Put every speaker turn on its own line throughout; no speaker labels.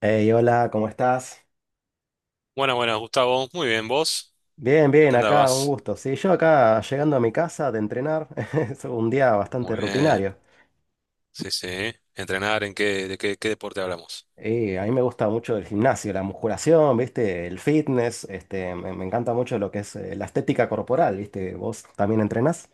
Hey, hola, ¿cómo estás?
Bueno, bueno, Gustavo, muy bien, ¿vos?
Bien,
¿En
bien,
qué
acá, un
andabas?
gusto. Sí, yo acá llegando a mi casa de entrenar, es un día bastante
Muy bien,
rutinario.
sí, sí. ¿Entrenar en qué, de qué, qué deporte hablamos?
Y a mí me gusta mucho el gimnasio, la musculación, ¿viste? El fitness, este, me encanta mucho lo que es la estética corporal, ¿viste? ¿Vos también entrenás?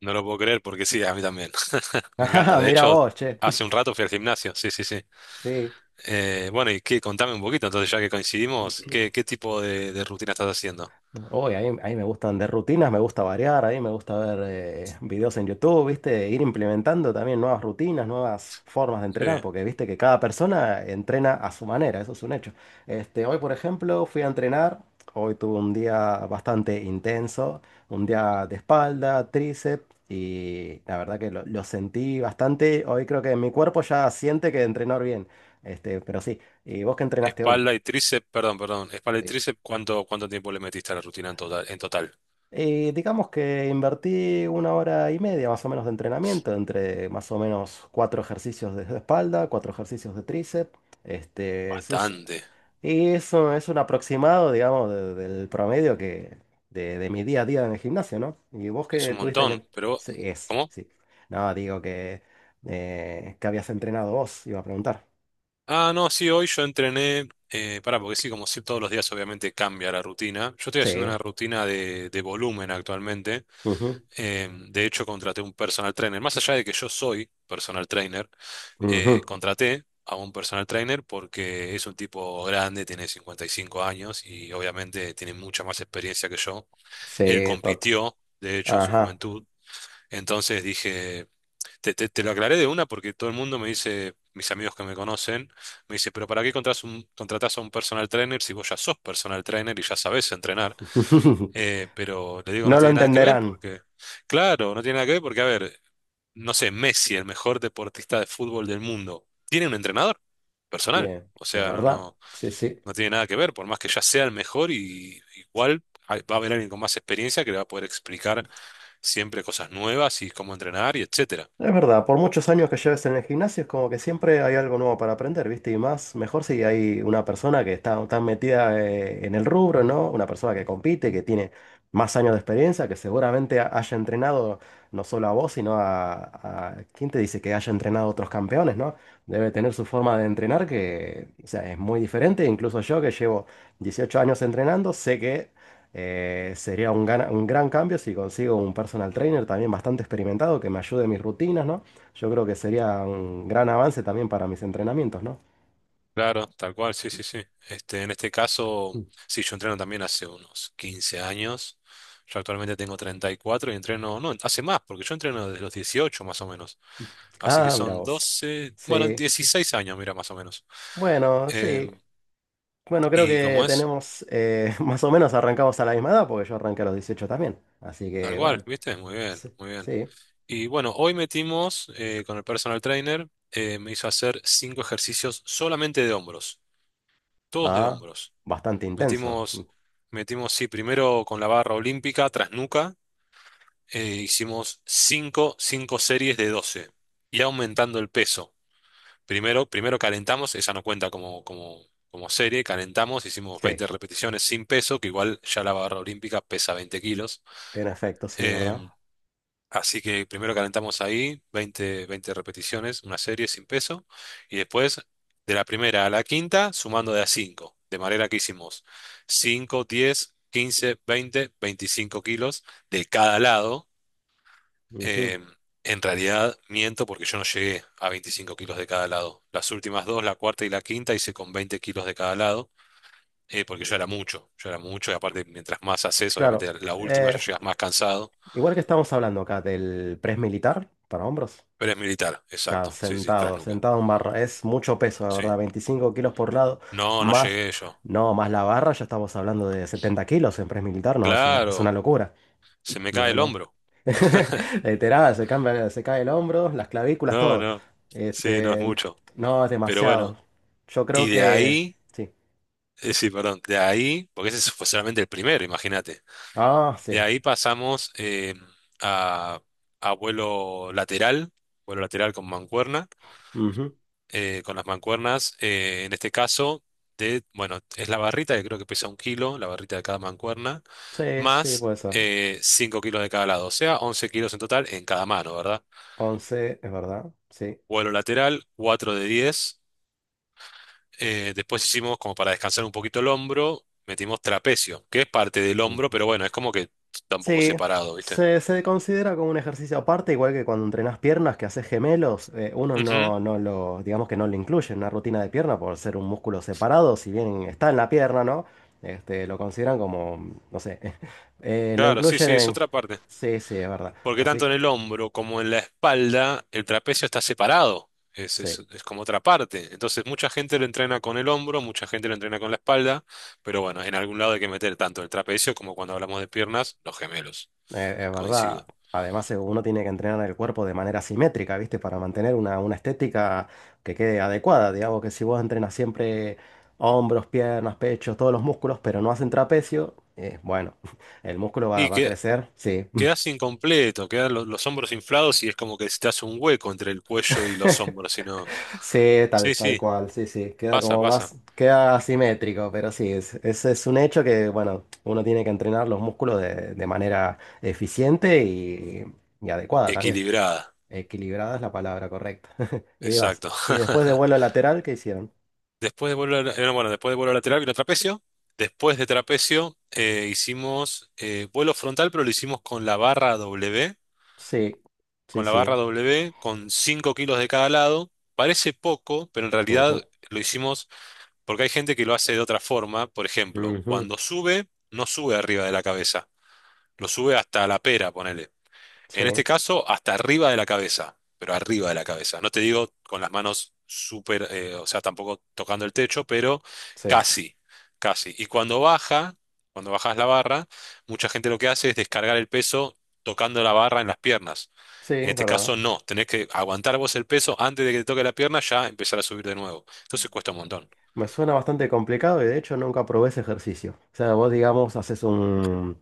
No lo puedo creer porque sí, a mí también. Me encanta.
Ajá,
De
mira
hecho,
vos, che.
hace un rato fui al gimnasio, sí, sí, sí.
Sí.
Bueno, y qué, contame un poquito, entonces ya que coincidimos, ¿qué tipo de rutina estás haciendo?
Uy, a mí me gusta vender rutinas, me gusta variar, a mí me gusta ver videos en YouTube, ¿viste? Ir implementando también nuevas rutinas, nuevas formas de
Sí.
entrenar, porque viste que cada persona entrena a su manera, eso es un hecho. Este, hoy, por ejemplo, fui a entrenar, hoy tuve un día bastante intenso, un día de espalda, tríceps, y la verdad que lo sentí bastante, hoy creo que mi cuerpo ya siente que entrenar bien, este, pero sí, ¿y vos qué entrenaste hoy?
Espalda y tríceps, perdón, perdón. Espalda y tríceps, ¿cuánto tiempo le metiste a la rutina en total? ¿En total?
Y digamos que invertí 1 hora y media más o menos de entrenamiento, entre más o menos 4 ejercicios de espalda, 4 ejercicios de tríceps. Este,
Bastante.
y eso es un aproximado, digamos, del promedio que, de mi día a día en el gimnasio, ¿no? Y vos
Es
que
un
tuviste
montón,
que...
pero
Sí, es,
¿cómo?
sí. No, digo que habías entrenado vos, iba a preguntar.
Ah, no, sí, hoy yo entrené, pará, porque sí, como sí, todos los días obviamente cambia la rutina. Yo estoy haciendo
Sí.
una rutina de volumen actualmente.
Ujú,
De hecho, contraté un personal trainer. Más allá de que yo soy personal trainer,
ujú.
contraté a un personal trainer porque es un tipo grande, tiene 55 años y obviamente tiene mucha más experiencia que yo.
Sí,
Él
tot.
compitió, de hecho, en su
Ajá.
juventud. Entonces dije. Te lo aclaré de una porque todo el mundo me dice, mis amigos que me conocen, me dice, pero ¿para qué contratás a un personal trainer si vos ya sos personal trainer y ya sabés entrenar? Pero le digo, no
No lo
tiene nada que ver
entenderán.
porque, claro, no tiene nada que ver porque, a ver, no sé, Messi, el mejor deportista de fútbol del mundo, tiene un entrenador personal.
Bien,
O
es
sea, no,
verdad.
no,
Sí, sí.
no tiene nada que ver, por más que ya sea el mejor y igual va a haber alguien con más experiencia que le va a poder explicar siempre cosas nuevas y cómo entrenar y etcétera.
Es verdad, por muchos años que lleves en el gimnasio es como que siempre hay algo nuevo para aprender, ¿viste? Y más, mejor si hay una persona que está tan metida en el rubro, ¿no? Una persona que compite, que tiene más años de experiencia, que seguramente haya entrenado no solo a vos, sino a... ¿Quién te dice que haya entrenado a otros campeones, ¿no? Debe tener su forma de entrenar que, o sea, es muy diferente. Incluso yo que llevo 18 años entrenando, sé que sería un, un gran cambio si consigo un personal trainer también bastante experimentado que me ayude en mis rutinas, ¿no? Yo creo que sería un gran avance también para mis entrenamientos, ¿no?
Claro, tal cual, sí, sí, sí. Este, en este caso,
Mm.
sí, yo entreno también hace unos 15 años. Yo actualmente tengo 34 y entreno, no, hace más, porque yo entreno desde los 18 más o menos. Así que
Ah, mira
son
vos.
12, bueno,
Sí,
16 años, mira, más o menos.
bueno,
Eh,
sí. Bueno, creo
y
que
como es,
tenemos, más o menos arrancamos a la misma edad, porque yo arranqué a los 18 también. Así
tal
que,
cual,
bueno,
¿viste? Muy bien,
sí,
muy bien.
sí.
Y bueno, hoy metimos con el personal trainer, me hizo hacer cinco ejercicios solamente de hombros, todos de
Ah,
hombros.
bastante intenso. Mm.
Metimos, metimos, sí, primero con la barra olímpica, tras nuca, hicimos cinco series de 12 y aumentando el peso. Primero calentamos, esa no cuenta como serie, calentamos, hicimos
Sí,
20 repeticiones sin peso, que igual ya la barra olímpica pesa 20 kilos.
en efecto, sí, ¿verdad?
Eh, Así que primero calentamos ahí, 20, 20 repeticiones, una serie sin peso, y después de la primera a la quinta, sumando de a 5 de manera que hicimos 5, 10, 15, 20, 25 kilos de cada lado.
Ujú.
Eh, en realidad miento porque yo no llegué a 25 kilos de cada lado. Las últimas dos, la cuarta y la quinta, hice con 20 kilos de cada lado, porque yo era mucho, y aparte mientras más haces,
Claro.
obviamente la última ya
Eh,
llegas más cansado,
igual que estamos hablando acá del press militar para hombros,
pero es militar,
acá
exacto, sí, sí, tras
sentado,
nuca.
sentado en barra, es mucho peso, la
Sí.
verdad, 25 kilos por lado,
No, no
más,
llegué yo.
no, más la barra, ya estamos hablando de 70 kilos en press militar, no, es una
Claro,
locura,
se me cae
no,
el
no.
hombro.
Literal, se cambia, se cae el hombro, las clavículas,
No,
todo.
no. Sí, no es
Este,
mucho.
no, es
Pero
demasiado.
bueno,
Yo creo
y de
que,
ahí,
sí.
sí, perdón, de ahí, porque ese fue solamente el primero, imagínate.
Ah,
De
sí.
ahí pasamos a, a vuelo lateral con mancuerna,
Ujú.
con las mancuernas, en este caso, de, bueno, es la barrita que creo que pesa 1 kilo, la barrita de cada mancuerna,
Sí, sí,
más
puede ser.
5 kilos de cada lado, o sea, 11 kilos en total en cada mano, ¿verdad?
11 es verdad, sí.
Vuelo lateral, 4 de 10. Después hicimos como para descansar un poquito el hombro, metimos trapecio, que es parte del hombro, pero bueno, es como que está un poco
Sí,
separado, ¿viste?
se considera como un ejercicio aparte, igual que cuando entrenas piernas, que haces gemelos, uno
Ujú.
no, no lo, digamos que no lo incluye en una rutina de pierna por ser un músculo separado, si bien está en la pierna, ¿no? Este, lo consideran como, no sé, lo
Claro, sí,
incluyen
sí, es
en...
otra parte.
Sí, sí, es verdad.
Porque
Así
tanto
que,
en el hombro como en la espalda, el trapecio está separado. Es, es,
sí.
es como otra parte. Entonces, mucha gente lo entrena con el hombro, mucha gente lo entrena con la espalda, pero bueno, en algún lado hay que meter tanto el trapecio como cuando hablamos de piernas, los gemelos.
Es verdad.
Coincido.
Además, uno tiene que entrenar el cuerpo de manera simétrica, ¿viste? Para mantener una estética que quede adecuada. Digamos que si vos entrenas siempre hombros, piernas, pechos, todos los músculos, pero no hacen trapecio, bueno, el músculo va,
Y
va a
que
crecer. Sí,
quedás incompleto, quedan los hombros inflados y es como que se te hace un hueco entre el cuello y los hombros, sino.
sí, tal,
Sí,
tal
sí,
cual, sí, sí. Queda
pasa,
como
pasa.
más, queda asimétrico, pero sí, es, ese es un hecho que, bueno, uno tiene que entrenar los músculos de manera eficiente y adecuada también.
Equilibrada,
Equilibrada es la palabra correcta. Y demás.
exacto.
Y después de vuelo lateral, ¿qué hicieron?
Después de vuelo, no, bueno, después de vuelo lateral vino trapecio. Después de trapecio hicimos vuelo frontal, pero lo hicimos con la barra W,
Sí, sí, sí.
Con 5 kilos de cada lado. Parece poco, pero en realidad
Ujú,
lo hicimos porque hay gente que lo hace de otra forma. Por ejemplo,
ujú.
cuando sube, no sube arriba de la cabeza. Lo sube hasta la pera, ponele.
Sí,
En este caso, hasta arriba de la cabeza, pero arriba de la cabeza. No te digo con las manos súper, o sea, tampoco tocando el techo, pero
sí,
casi, casi. Y cuando bajas la barra, mucha gente lo que hace es descargar el peso tocando la barra en las piernas.
sí,
En
es
este caso,
verdad.
no. Tenés que aguantar vos el peso antes de que te toque la pierna, ya empezar a subir de nuevo. Entonces cuesta un montón.
Me suena bastante complicado y de hecho nunca probé ese ejercicio. O sea, vos digamos, haces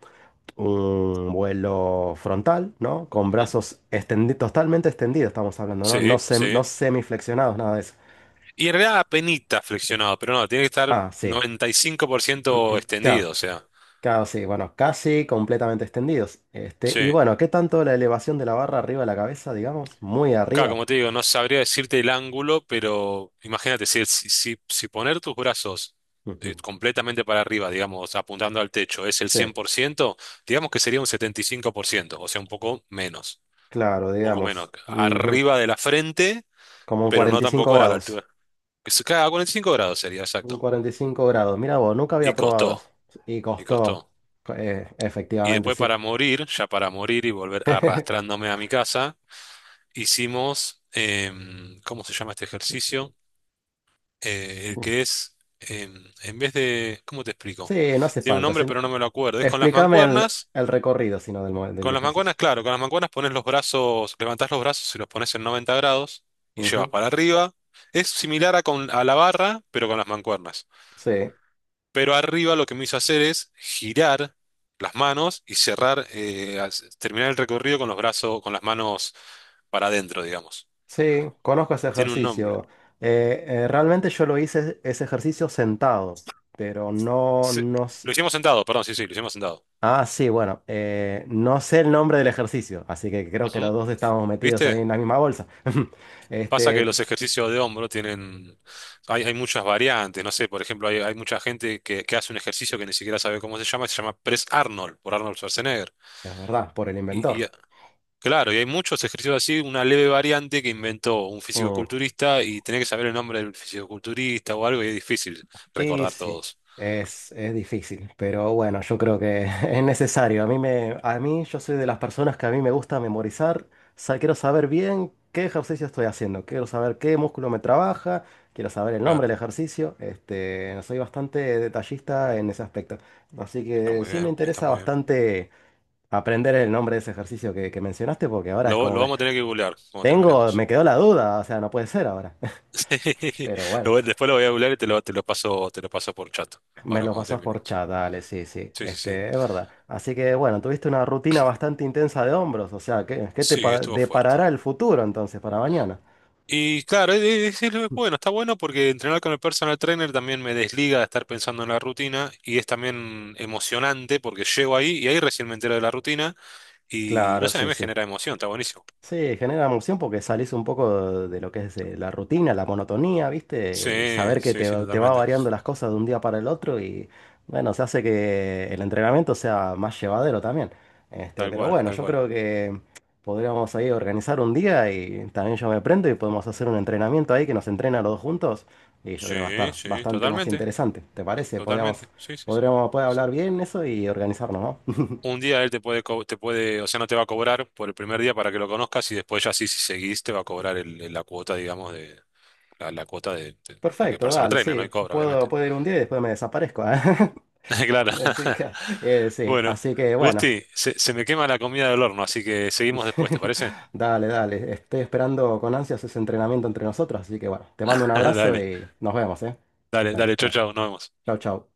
un vuelo frontal, ¿no? Con
Ujú.
brazos totalmente extendidos, estamos hablando, ¿no? No,
Sí,
no
sí.
semiflexionados, nada de eso.
Y en realidad apenita flexionado, pero no, tiene que estar
Ah, sí.
95%
Claro.
extendido, o sea.
Casi bueno, casi completamente extendidos. Este, y
Sí.
bueno, ¿qué tanto la elevación de la barra arriba de la cabeza, digamos? Muy
Claro,
arriba.
como te digo, no sabría decirte el ángulo, pero imagínate, si poner tus brazos
Ujú.
completamente para arriba, digamos, apuntando al techo, es el
Sí,
100%, digamos que sería un 75%, o sea, un poco menos,
claro,
un poco menos.
digamos. Ujú.
Arriba de la frente,
Como un
pero no
45
tampoco a la
grados.
altura. Claro, 45 grados sería,
Un
exacto.
45 grados. Mira vos, nunca
Y
había probado eso.
costó,
Y
y
costó.
costó. Y
Efectivamente,
después
sí.
para morir, ya para morir y volver arrastrándome a mi casa, hicimos, ¿cómo se llama este ejercicio? El que es, en vez de, ¿cómo te explico?
Sí, no hace
Tiene un
falta. Si
nombre pero no me lo acuerdo. Es con las
Explícame
mancuernas,
el recorrido, sino del ejercicio.
claro, con las mancuernas pones los brazos, levantás los brazos y los pones en 90 grados y llevas
Ujú.
para arriba. Es similar a, a la barra, pero con las mancuernas.
Sí.
Pero arriba lo que me hizo hacer es girar las manos y cerrar, terminar el recorrido con los brazos, con las manos para adentro, digamos.
Sí, conozco ese
Tiene un nombre.
ejercicio. Realmente yo lo hice ese ejercicio sentado, pero no,
Se-
no...
Lo hicimos sentado, perdón, sí, sí, lo hicimos sentado.
Ah, sí, bueno, no sé el nombre del ejercicio, así que creo que los
Ujú.
dos estábamos metidos ahí
¿Viste?
en la misma bolsa.
Pasa
Este,
que
es
los ejercicios de hombro hay muchas variantes, no sé, por ejemplo, hay mucha gente que hace un ejercicio que ni siquiera sabe cómo se llama Press Arnold, por Arnold Schwarzenegger.
verdad, por el
Y,
inventor.
y claro, y hay muchos ejercicios así, una leve variante que inventó un
Mm.
fisicoculturista y tenés que saber el nombre del fisicoculturista o algo y es difícil
Y
recordar
sí,
todos.
es difícil, pero bueno, yo creo que es necesario. A mí me, a mí yo soy de las personas que a mí me gusta memorizar. Quiero saber bien qué ejercicio estoy haciendo, quiero saber qué músculo me trabaja, quiero saber el nombre del
Claro,
ejercicio. Este, soy bastante detallista en ese aspecto. Así
está
que
muy
sí me
bien, está
interesa
muy bien.
bastante aprender el nombre de ese ejercicio que mencionaste, porque ahora es
Lo,
como
lo
que
vamos a tener que googlear cuando
tengo,
terminemos.
me quedó la duda, o sea, no puede ser ahora.
Sí,
Pero bueno.
Después lo voy a googlear y te lo paso por chat,
Me
ahora
lo
cuando
pasas por
terminemos.
chat, dale, sí, sí,
Sí, sí, sí.
este, es verdad. Así que bueno, tuviste una rutina bastante intensa de hombros, o sea, ¿qué, qué te
Sí, estuvo fuerte.
deparará el futuro entonces para mañana?
Y claro, es bueno, está bueno porque entrenar con el personal trainer también me desliga de estar pensando en la rutina y es también emocionante porque llego ahí y ahí recién me entero de la rutina. Y no
Claro,
sé, a mí
sí,
me
sí.
genera emoción, está buenísimo.
Sí, genera emoción porque salís un poco de lo que es la rutina, la monotonía,
Sí,
¿viste? Saber que
sí,
te,
sí,
te va
totalmente.
variando las cosas de un día para el otro y bueno, se hace que el entrenamiento sea más llevadero también. Este,
Tal
pero
cual,
bueno,
tal
yo
cual.
creo que podríamos ahí organizar un día y también yo me prendo y podemos hacer un entrenamiento ahí que nos entrena los dos juntos y yo creo que va a
Sí,
estar
sí,
bastante más
totalmente,
interesante. ¿Te parece? Podríamos,
totalmente. Sí, sí, sí.
podríamos poder hablar bien eso y organizarnos, ¿no?
Un día él te puede, te puede, o sea, no te va a cobrar por el primer día para que lo conozcas y después ya sí, si seguís, te va a cobrar la cuota, digamos, de la cuota porque es
Perfecto,
personal
dale,
trainer, no hay
sí.
cobra, obviamente.
Puedo, puedo ir un día y después me desaparezco, ¿eh?
Claro.
Así que, sí,
Bueno,
así que bueno.
Gusti, se me quema la comida del horno, así que seguimos después, ¿te parece?
Dale, dale. Estoy esperando con ansias ese entrenamiento entre nosotros. Así que bueno, te mando un abrazo
Dale,
y nos vemos, ¿eh?
dale,
Dale,
dale, chau,
no.
chau, nos vemos.
Chau, chau.